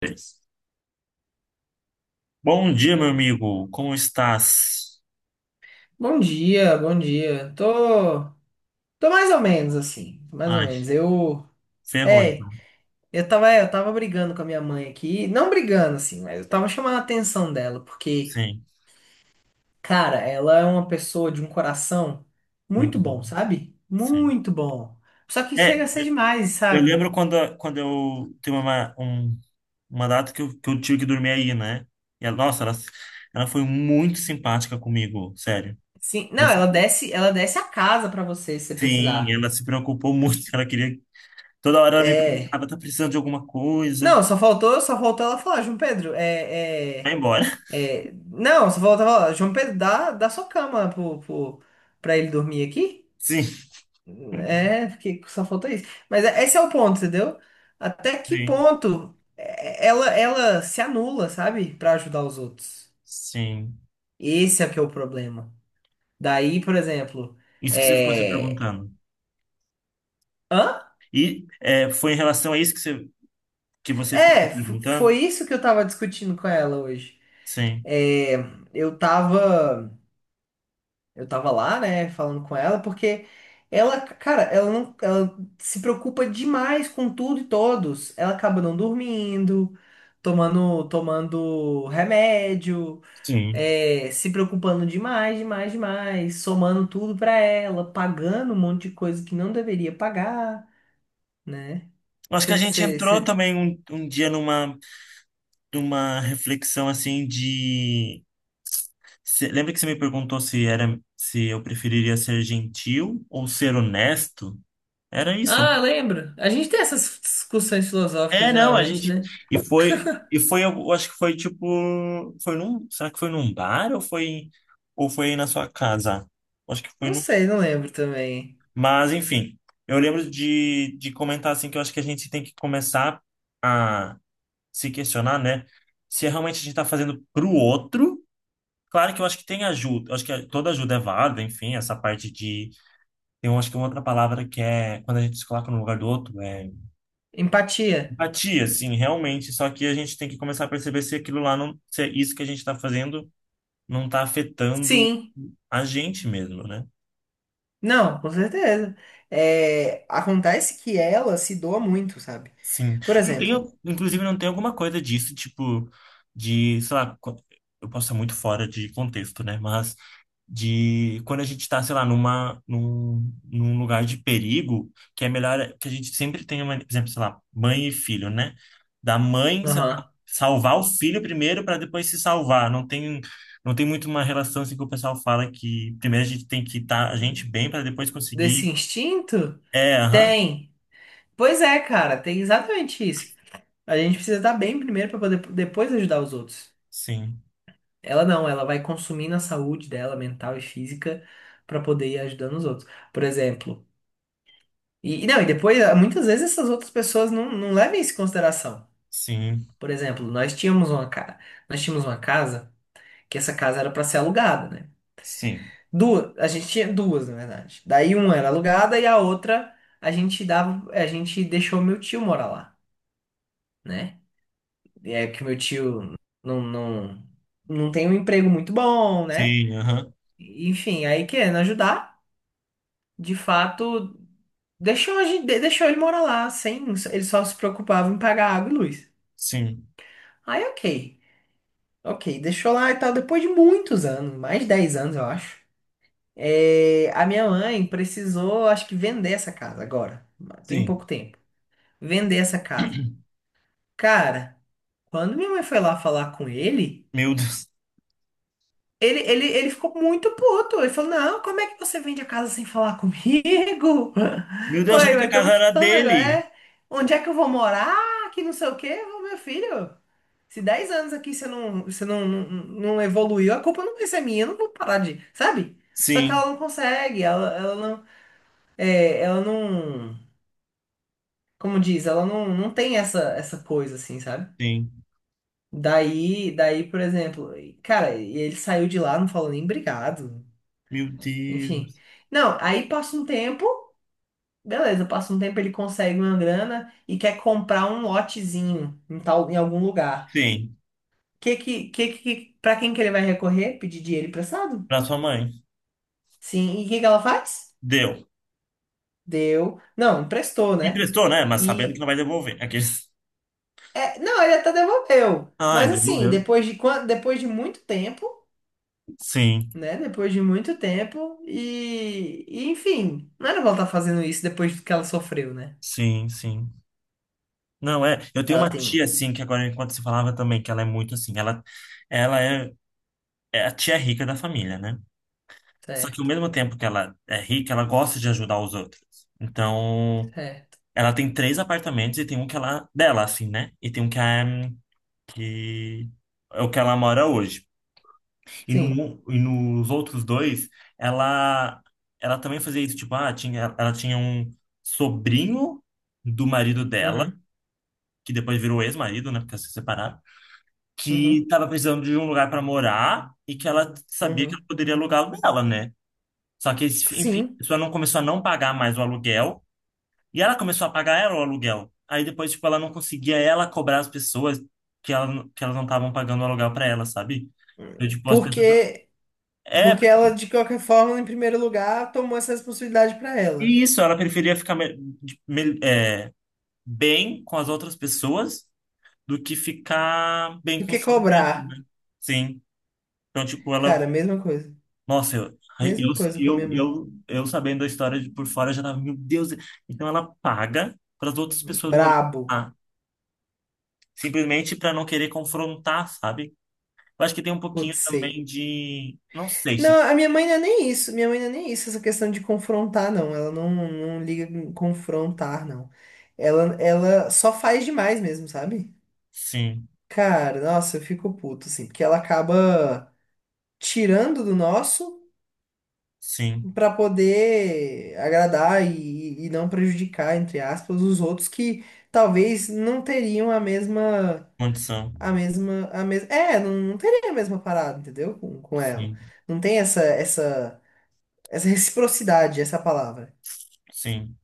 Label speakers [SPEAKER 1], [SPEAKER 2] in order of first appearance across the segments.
[SPEAKER 1] Três. Bom dia, meu amigo. Como estás?
[SPEAKER 2] Bom dia, bom dia. Tô mais ou menos assim, mais ou
[SPEAKER 1] Ai,
[SPEAKER 2] menos.
[SPEAKER 1] ferrou
[SPEAKER 2] É,
[SPEAKER 1] então.
[SPEAKER 2] eu tava brigando com a minha mãe aqui, não brigando assim, mas eu tava chamando a atenção dela, porque,
[SPEAKER 1] Sim,
[SPEAKER 2] cara, ela é uma pessoa de um coração muito
[SPEAKER 1] muito
[SPEAKER 2] bom,
[SPEAKER 1] bom.
[SPEAKER 2] sabe?
[SPEAKER 1] Sim.
[SPEAKER 2] Muito bom. Só que
[SPEAKER 1] É,
[SPEAKER 2] chega a ser
[SPEAKER 1] eu,
[SPEAKER 2] demais,
[SPEAKER 1] eu
[SPEAKER 2] sabe?
[SPEAKER 1] lembro quando eu tem uma, um- uma data que eu tive que dormir aí, né? E ela, nossa, ela foi muito simpática comigo, sério.
[SPEAKER 2] Sim,
[SPEAKER 1] Ela
[SPEAKER 2] não, ela
[SPEAKER 1] se-
[SPEAKER 2] desce, ela desce a casa pra você se você
[SPEAKER 1] Sim,
[SPEAKER 2] precisar.
[SPEAKER 1] ela se preocupou muito. Ela queria. Toda hora ela me
[SPEAKER 2] É.
[SPEAKER 1] perguntava, tá precisando de alguma coisa?
[SPEAKER 2] Não, só faltou ela falar, João Pedro,
[SPEAKER 1] Vai
[SPEAKER 2] é, é.
[SPEAKER 1] embora.
[SPEAKER 2] É, não, você falou, tava, lá, João Pedro, dá sua cama pra ele dormir aqui.
[SPEAKER 1] Sim,
[SPEAKER 2] É, porque só falta isso. Mas esse é o ponto, entendeu? Até que
[SPEAKER 1] sim,
[SPEAKER 2] ponto é, ela se anula, sabe? Pra ajudar os outros.
[SPEAKER 1] sim.
[SPEAKER 2] Esse é que é o problema. Daí, por exemplo,
[SPEAKER 1] Isso que você ficou se
[SPEAKER 2] é...
[SPEAKER 1] perguntando.
[SPEAKER 2] Hã?
[SPEAKER 1] E é, foi em relação a isso que você ficou
[SPEAKER 2] É,
[SPEAKER 1] se
[SPEAKER 2] foi
[SPEAKER 1] perguntando?
[SPEAKER 2] isso que eu tava discutindo com ela hoje.
[SPEAKER 1] Sim,
[SPEAKER 2] É, eu tava. Eu tava lá, né, falando com ela, porque ela, cara, ela se preocupa demais com tudo e todos. Ela acaba não dormindo, tomando remédio,
[SPEAKER 1] sim.
[SPEAKER 2] se preocupando demais, demais, demais, somando tudo pra ela, pagando um monte de coisa que não deveria pagar, né?
[SPEAKER 1] Eu acho que a gente
[SPEAKER 2] Você,
[SPEAKER 1] entrou também um dia numa, numa reflexão assim de. Lembra que você me perguntou se era se eu preferiria ser gentil ou ser honesto? Era isso, né?
[SPEAKER 2] Ah, lembro. A gente tem essas discussões filosóficas
[SPEAKER 1] É, não, a
[SPEAKER 2] geralmente,
[SPEAKER 1] gente.
[SPEAKER 2] né?
[SPEAKER 1] E foi, eu acho que foi tipo. Foi num, será que foi num bar ou foi na sua casa? Acho que foi
[SPEAKER 2] Não
[SPEAKER 1] num.
[SPEAKER 2] sei, não lembro também.
[SPEAKER 1] Mas, enfim, eu lembro de comentar assim que eu acho que a gente tem que começar a se questionar, né? Se é realmente a gente está fazendo para o outro. Claro que eu acho que tem ajuda, eu acho que é, toda ajuda é válida, enfim, essa parte de. Tem, eu acho que uma outra palavra que é quando a gente se coloca no lugar do outro, é
[SPEAKER 2] Empatia?
[SPEAKER 1] empatia, assim, realmente. Só que a gente tem que começar a perceber se aquilo lá não, se é isso que a gente está fazendo não está afetando
[SPEAKER 2] Sim.
[SPEAKER 1] a gente mesmo, né?
[SPEAKER 2] Não, com certeza. É, acontece que ela se doa muito, sabe?
[SPEAKER 1] Sim.
[SPEAKER 2] Por exemplo,
[SPEAKER 1] Inclusive, não tem alguma coisa disso, tipo, de, sei lá, eu posso estar muito fora de contexto, né? Mas de quando a gente tá, sei lá, num lugar de perigo, que é melhor que a gente sempre tenha, uma, por exemplo, sei lá, mãe e filho, né? Da mãe, sei lá,
[SPEAKER 2] aham,
[SPEAKER 1] salvar o filho primeiro para depois se salvar. Não tem, não tem muito uma relação assim que o pessoal fala que primeiro a gente tem que estar a gente bem para depois
[SPEAKER 2] desse
[SPEAKER 1] conseguir.
[SPEAKER 2] instinto,
[SPEAKER 1] É, aham.
[SPEAKER 2] tem. Pois é, cara, tem exatamente isso. A gente precisa estar bem primeiro para poder depois ajudar os outros.
[SPEAKER 1] Sim,
[SPEAKER 2] Ela não, ela vai consumindo a saúde dela, mental e física, para poder ir ajudando os outros. Por exemplo. E não, e depois, ah, muitas vezes essas outras pessoas não levam isso em consideração.
[SPEAKER 1] sim,
[SPEAKER 2] Por exemplo, nós tínhamos uma casa que essa casa era para ser alugada, né?
[SPEAKER 1] sim.
[SPEAKER 2] Duas, a gente tinha duas, na verdade. Daí uma era alugada e a outra a gente deixou meu tio morar lá, né? E é que meu tio não, não, não tem um emprego muito bom, né?
[SPEAKER 1] Sim, aham.
[SPEAKER 2] Enfim, aí querendo ajudar, de fato, deixou, a gente, de- deixou ele morar lá, sem, ele só se preocupava em pagar água e luz.
[SPEAKER 1] Sim,
[SPEAKER 2] Aí ok, deixou lá e tal, depois de muitos anos, mais de 10 anos, eu acho. É, a minha mãe precisou, acho que, vender essa casa agora. Tem pouco
[SPEAKER 1] sim.
[SPEAKER 2] tempo. Vender essa casa. Cara, quando minha mãe foi lá falar com ele,
[SPEAKER 1] Meu Deus.
[SPEAKER 2] ele ficou muito puto. Ele falou: não, como é que você vende a casa sem falar comigo?
[SPEAKER 1] Meu Deus,
[SPEAKER 2] Ué,
[SPEAKER 1] achando que
[SPEAKER 2] mas
[SPEAKER 1] a casa
[SPEAKER 2] estamos
[SPEAKER 1] era
[SPEAKER 2] falando agora.
[SPEAKER 1] dele.
[SPEAKER 2] É, onde é que eu vou morar? Que não sei o quê. Eu falei, meu filho, se 10 anos aqui você não evoluiu, a culpa não vai ser minha. Eu não vou parar de. Sabe? Só que ela
[SPEAKER 1] Sim,
[SPEAKER 2] não consegue, ela não é, ela não, como diz, ela não tem essa coisa assim, sabe?
[SPEAKER 1] sim.
[SPEAKER 2] Daí, por exemplo, cara, e ele saiu de lá, não falou nem obrigado,
[SPEAKER 1] Meu
[SPEAKER 2] enfim.
[SPEAKER 1] Deus.
[SPEAKER 2] Não, aí passa um tempo, beleza, passa um tempo ele consegue uma grana e quer comprar um lotezinho em tal, em algum lugar.
[SPEAKER 1] Sim,
[SPEAKER 2] Que que, para quem que ele vai recorrer? Pedir dinheiro emprestado?
[SPEAKER 1] pra sua mãe.
[SPEAKER 2] Sim, e o que que ela faz?
[SPEAKER 1] Deu.
[SPEAKER 2] Deu. Não, emprestou, né?
[SPEAKER 1] Emprestou, né? Mas sabendo que não vai
[SPEAKER 2] e
[SPEAKER 1] devolver. Aqueles.
[SPEAKER 2] Não, ele até devolveu.
[SPEAKER 1] Ai,
[SPEAKER 2] Mas assim,
[SPEAKER 1] devolveu.
[SPEAKER 2] depois de depois de muito tempo,
[SPEAKER 1] Sim,
[SPEAKER 2] né? Depois de muito tempo e, enfim, não era pra ela estar fazendo isso depois do que ela sofreu, né?
[SPEAKER 1] sim, sim. Não, é. Eu tenho uma
[SPEAKER 2] Ela tem, um,
[SPEAKER 1] tia, assim, que agora, enquanto você falava também, que ela é muito assim. Ela é, é a tia é rica da família, né? Só que ao
[SPEAKER 2] certo,
[SPEAKER 1] mesmo tempo que ela é rica, ela gosta de ajudar os outros. Então.
[SPEAKER 2] certo.
[SPEAKER 1] Ela tem três apartamentos e tem um que ela, dela, assim, né? E tem um que é o que ela mora hoje. E,
[SPEAKER 2] Sim.
[SPEAKER 1] no, E nos outros dois, ela, ela também fazia isso, tipo, ah, tinha, ela tinha um sobrinho do marido dela,
[SPEAKER 2] Uhum,
[SPEAKER 1] que depois virou ex-marido, né? Porque elas se separaram, que
[SPEAKER 2] uhum,
[SPEAKER 1] tava precisando de um lugar para morar e que ela sabia que ela
[SPEAKER 2] uhum.
[SPEAKER 1] poderia alugar o dela, né? Só que, enfim, a
[SPEAKER 2] Sim.
[SPEAKER 1] pessoa não começou a não pagar mais o aluguel. E ela começou a pagar ela o aluguel. Aí depois, tipo, ela não conseguia ela cobrar as pessoas que, ela, que elas não estavam pagando o aluguel para ela, sabe? Eu, tipo, as pessoas.
[SPEAKER 2] Porque
[SPEAKER 1] É,
[SPEAKER 2] porque
[SPEAKER 1] porque
[SPEAKER 2] ela de qualquer forma, em primeiro lugar, tomou essa responsabilidade pra ela.
[SPEAKER 1] e isso, ela preferia ficar bem com as outras pessoas do que ficar bem
[SPEAKER 2] Do que
[SPEAKER 1] consigo
[SPEAKER 2] cobrar?
[SPEAKER 1] mesmo, né? Sim. Então, tipo, ela.
[SPEAKER 2] Cara, mesma coisa.
[SPEAKER 1] Nossa, eu,
[SPEAKER 2] Mesma
[SPEAKER 1] eu,
[SPEAKER 2] coisa com a
[SPEAKER 1] eu,
[SPEAKER 2] minha mãe.
[SPEAKER 1] eu, eu sabendo a história de por fora, eu já tava, meu Deus. Então ela paga para as outras pessoas morarem
[SPEAKER 2] Brabo,
[SPEAKER 1] lá, simplesmente para não querer confrontar, sabe? Eu acho que tem um pouquinho
[SPEAKER 2] putz,
[SPEAKER 1] também
[SPEAKER 2] sei.
[SPEAKER 1] de. Não sei se.
[SPEAKER 2] Não, a minha mãe não é nem isso. Minha mãe não é nem isso, essa questão de confrontar, não. Ela não liga em confrontar, não. Ela só faz demais mesmo, sabe?
[SPEAKER 1] Sim,
[SPEAKER 2] Cara, nossa, eu fico puto, assim, porque ela acaba tirando do nosso
[SPEAKER 1] sim.
[SPEAKER 2] pra poder agradar e não prejudicar, entre aspas, os outros que talvez não teriam a mesma,
[SPEAKER 1] Condição.
[SPEAKER 2] a mesma, a mesma, não teria a mesma parada, entendeu? Com ela.
[SPEAKER 1] Sim,
[SPEAKER 2] Não tem essa reciprocidade, essa palavra.
[SPEAKER 1] sim.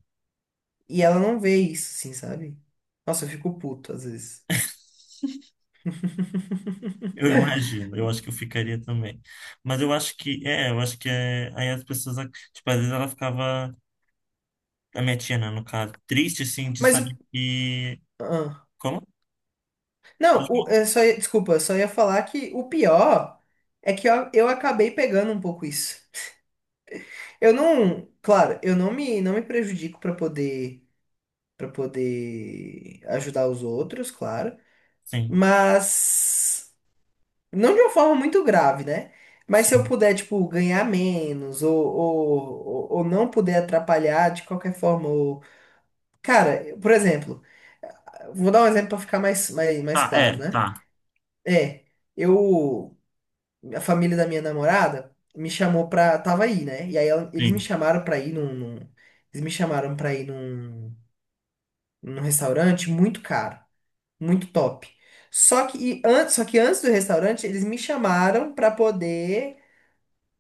[SPEAKER 2] E ela não vê isso, assim, sabe? Nossa, eu fico puto às vezes.
[SPEAKER 1] Eu imagino. Eu acho que eu ficaria também. Mas eu acho que. É, eu acho que é. Aí as pessoas. Tipo, às vezes ela ficava. A minha tia, né, no caso. Triste, assim, de
[SPEAKER 2] Mas o.
[SPEAKER 1] saber que.
[SPEAKER 2] ah.
[SPEAKER 1] Como?
[SPEAKER 2] Não,
[SPEAKER 1] Pode
[SPEAKER 2] o,
[SPEAKER 1] me-
[SPEAKER 2] é, só, ia- desculpa, só ia falar que o pior é que eu acabei pegando um pouco isso. Eu não. Claro, eu não me prejudico pra poder, para poder ajudar os outros, claro.
[SPEAKER 1] Sim,
[SPEAKER 2] Mas. Não de uma forma muito grave, né? Mas se eu
[SPEAKER 1] sim.
[SPEAKER 2] puder, tipo, ganhar menos ou, ou não puder atrapalhar de qualquer forma. Ou. Cara, por exemplo. Vou dar um exemplo para ficar mais
[SPEAKER 1] Tá,
[SPEAKER 2] claro,
[SPEAKER 1] é,
[SPEAKER 2] né?
[SPEAKER 1] tá.
[SPEAKER 2] É, eu, a família da minha namorada me chamou pra, tava aí, né? E aí eles me
[SPEAKER 1] Sim,
[SPEAKER 2] chamaram pra ir num num restaurante muito caro, muito top. Só que antes do restaurante, eles me chamaram pra poder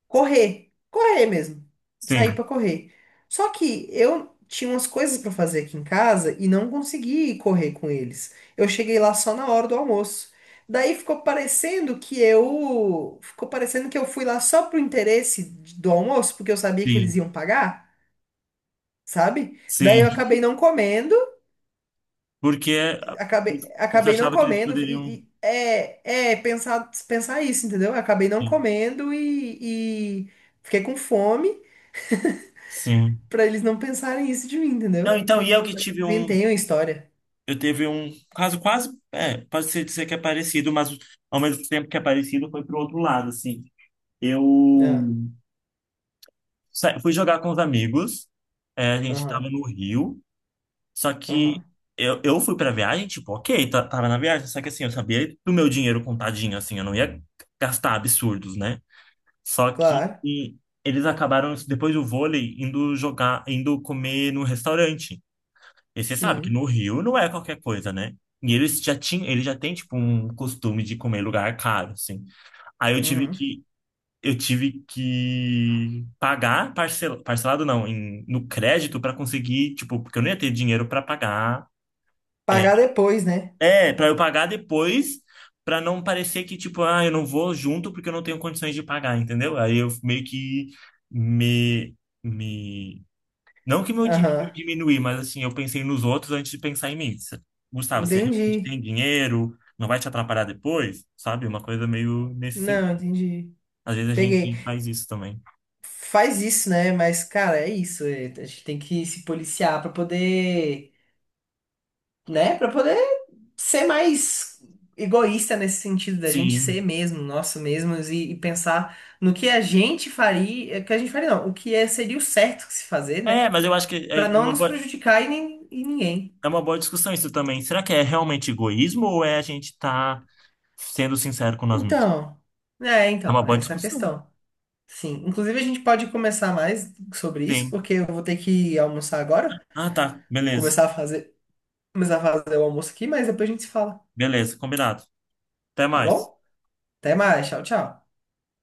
[SPEAKER 2] correr, correr mesmo,
[SPEAKER 1] sim,
[SPEAKER 2] sair pra correr. Só que eu tinha umas coisas pra fazer aqui em casa e não consegui ir correr com eles. Eu cheguei lá só na hora do almoço. Daí ficou parecendo que eu fui lá só pro interesse do almoço, porque eu sabia que eles
[SPEAKER 1] sim,
[SPEAKER 2] iam pagar, sabe? Daí
[SPEAKER 1] sim.
[SPEAKER 2] eu acabei não comendo,
[SPEAKER 1] Porque a-
[SPEAKER 2] acabei,
[SPEAKER 1] você
[SPEAKER 2] acabei não
[SPEAKER 1] achava que eles
[SPEAKER 2] comendo
[SPEAKER 1] poderiam.
[SPEAKER 2] e pensar, isso, entendeu? Eu acabei não
[SPEAKER 1] Sim,
[SPEAKER 2] comendo e fiquei com fome.
[SPEAKER 1] sim.
[SPEAKER 2] Pra eles não pensarem isso de mim,
[SPEAKER 1] Não,
[SPEAKER 2] entendeu?
[SPEAKER 1] então, e eu que tive um.
[SPEAKER 2] Inventei uma história.
[SPEAKER 1] Eu teve um caso quase, é, pode ser dizer que é parecido, mas ao mesmo tempo que é parecido foi pro outro lado, assim. Eu
[SPEAKER 2] Ah,
[SPEAKER 1] fui jogar com os amigos, é, a gente tava
[SPEAKER 2] aham,
[SPEAKER 1] no Rio, só que
[SPEAKER 2] aham.
[SPEAKER 1] eu fui pra viagem, tipo, ok, tava na viagem, só que assim, eu sabia do meu dinheiro contadinho, assim, eu não ia gastar absurdos, né? Só que
[SPEAKER 2] Claro,
[SPEAKER 1] e, eles acabaram, depois do vôlei, indo jogar, indo comer no restaurante. E você sabe que
[SPEAKER 2] sim.
[SPEAKER 1] no Rio não é qualquer coisa, né? E eles já tinham, ele já tem tipo um costume de comer em lugar caro, assim. Aí eu tive
[SPEAKER 2] Uhum.
[SPEAKER 1] que Eu tive que pagar parcelado não, em, no crédito para conseguir, tipo, porque eu não ia ter dinheiro para pagar. É,
[SPEAKER 2] Pagar depois, né?
[SPEAKER 1] é para eu pagar depois, para não parecer que tipo, ah, eu não vou junto porque eu não tenho condições de pagar, entendeu? Aí eu meio que me me não que meu dinheiro
[SPEAKER 2] Aham.
[SPEAKER 1] diminuir, mas assim, eu pensei nos outros antes de pensar em mim. Cê- Gustavo, você realmente
[SPEAKER 2] Entendi.
[SPEAKER 1] tem dinheiro? Não vai te atrapalhar depois? Sabe? Uma coisa meio nesse
[SPEAKER 2] Não,
[SPEAKER 1] sentido.
[SPEAKER 2] entendi.
[SPEAKER 1] Às vezes a
[SPEAKER 2] Peguei.
[SPEAKER 1] gente faz isso também.
[SPEAKER 2] Faz isso, né? Mas, cara, é isso. A gente tem que se policiar pra poder, né? Pra poder ser mais egoísta nesse sentido da gente ser
[SPEAKER 1] Sim.
[SPEAKER 2] mesmo, nosso mesmos e pensar no que a gente faria, que a gente faria não, o que seria o certo que se fazer, né?
[SPEAKER 1] É, mas eu acho que
[SPEAKER 2] Para não nos prejudicar e, nem, e ninguém.
[SPEAKER 1] é uma boa discussão isso também. Será que é realmente egoísmo ou é a gente tá sendo sincero com nós mesmos?
[SPEAKER 2] Então, é,
[SPEAKER 1] É uma
[SPEAKER 2] então,
[SPEAKER 1] boa
[SPEAKER 2] essa é a
[SPEAKER 1] discussão.
[SPEAKER 2] questão. Sim, inclusive a gente pode começar mais sobre isso,
[SPEAKER 1] Sim.
[SPEAKER 2] porque eu vou ter que almoçar agora,
[SPEAKER 1] Ah, tá. Beleza.
[SPEAKER 2] começar a fazer, começar a fazer o almoço aqui, mas depois a gente se fala,
[SPEAKER 1] Beleza, combinado. Até
[SPEAKER 2] tá
[SPEAKER 1] mais.
[SPEAKER 2] bom? Até mais, tchau, tchau.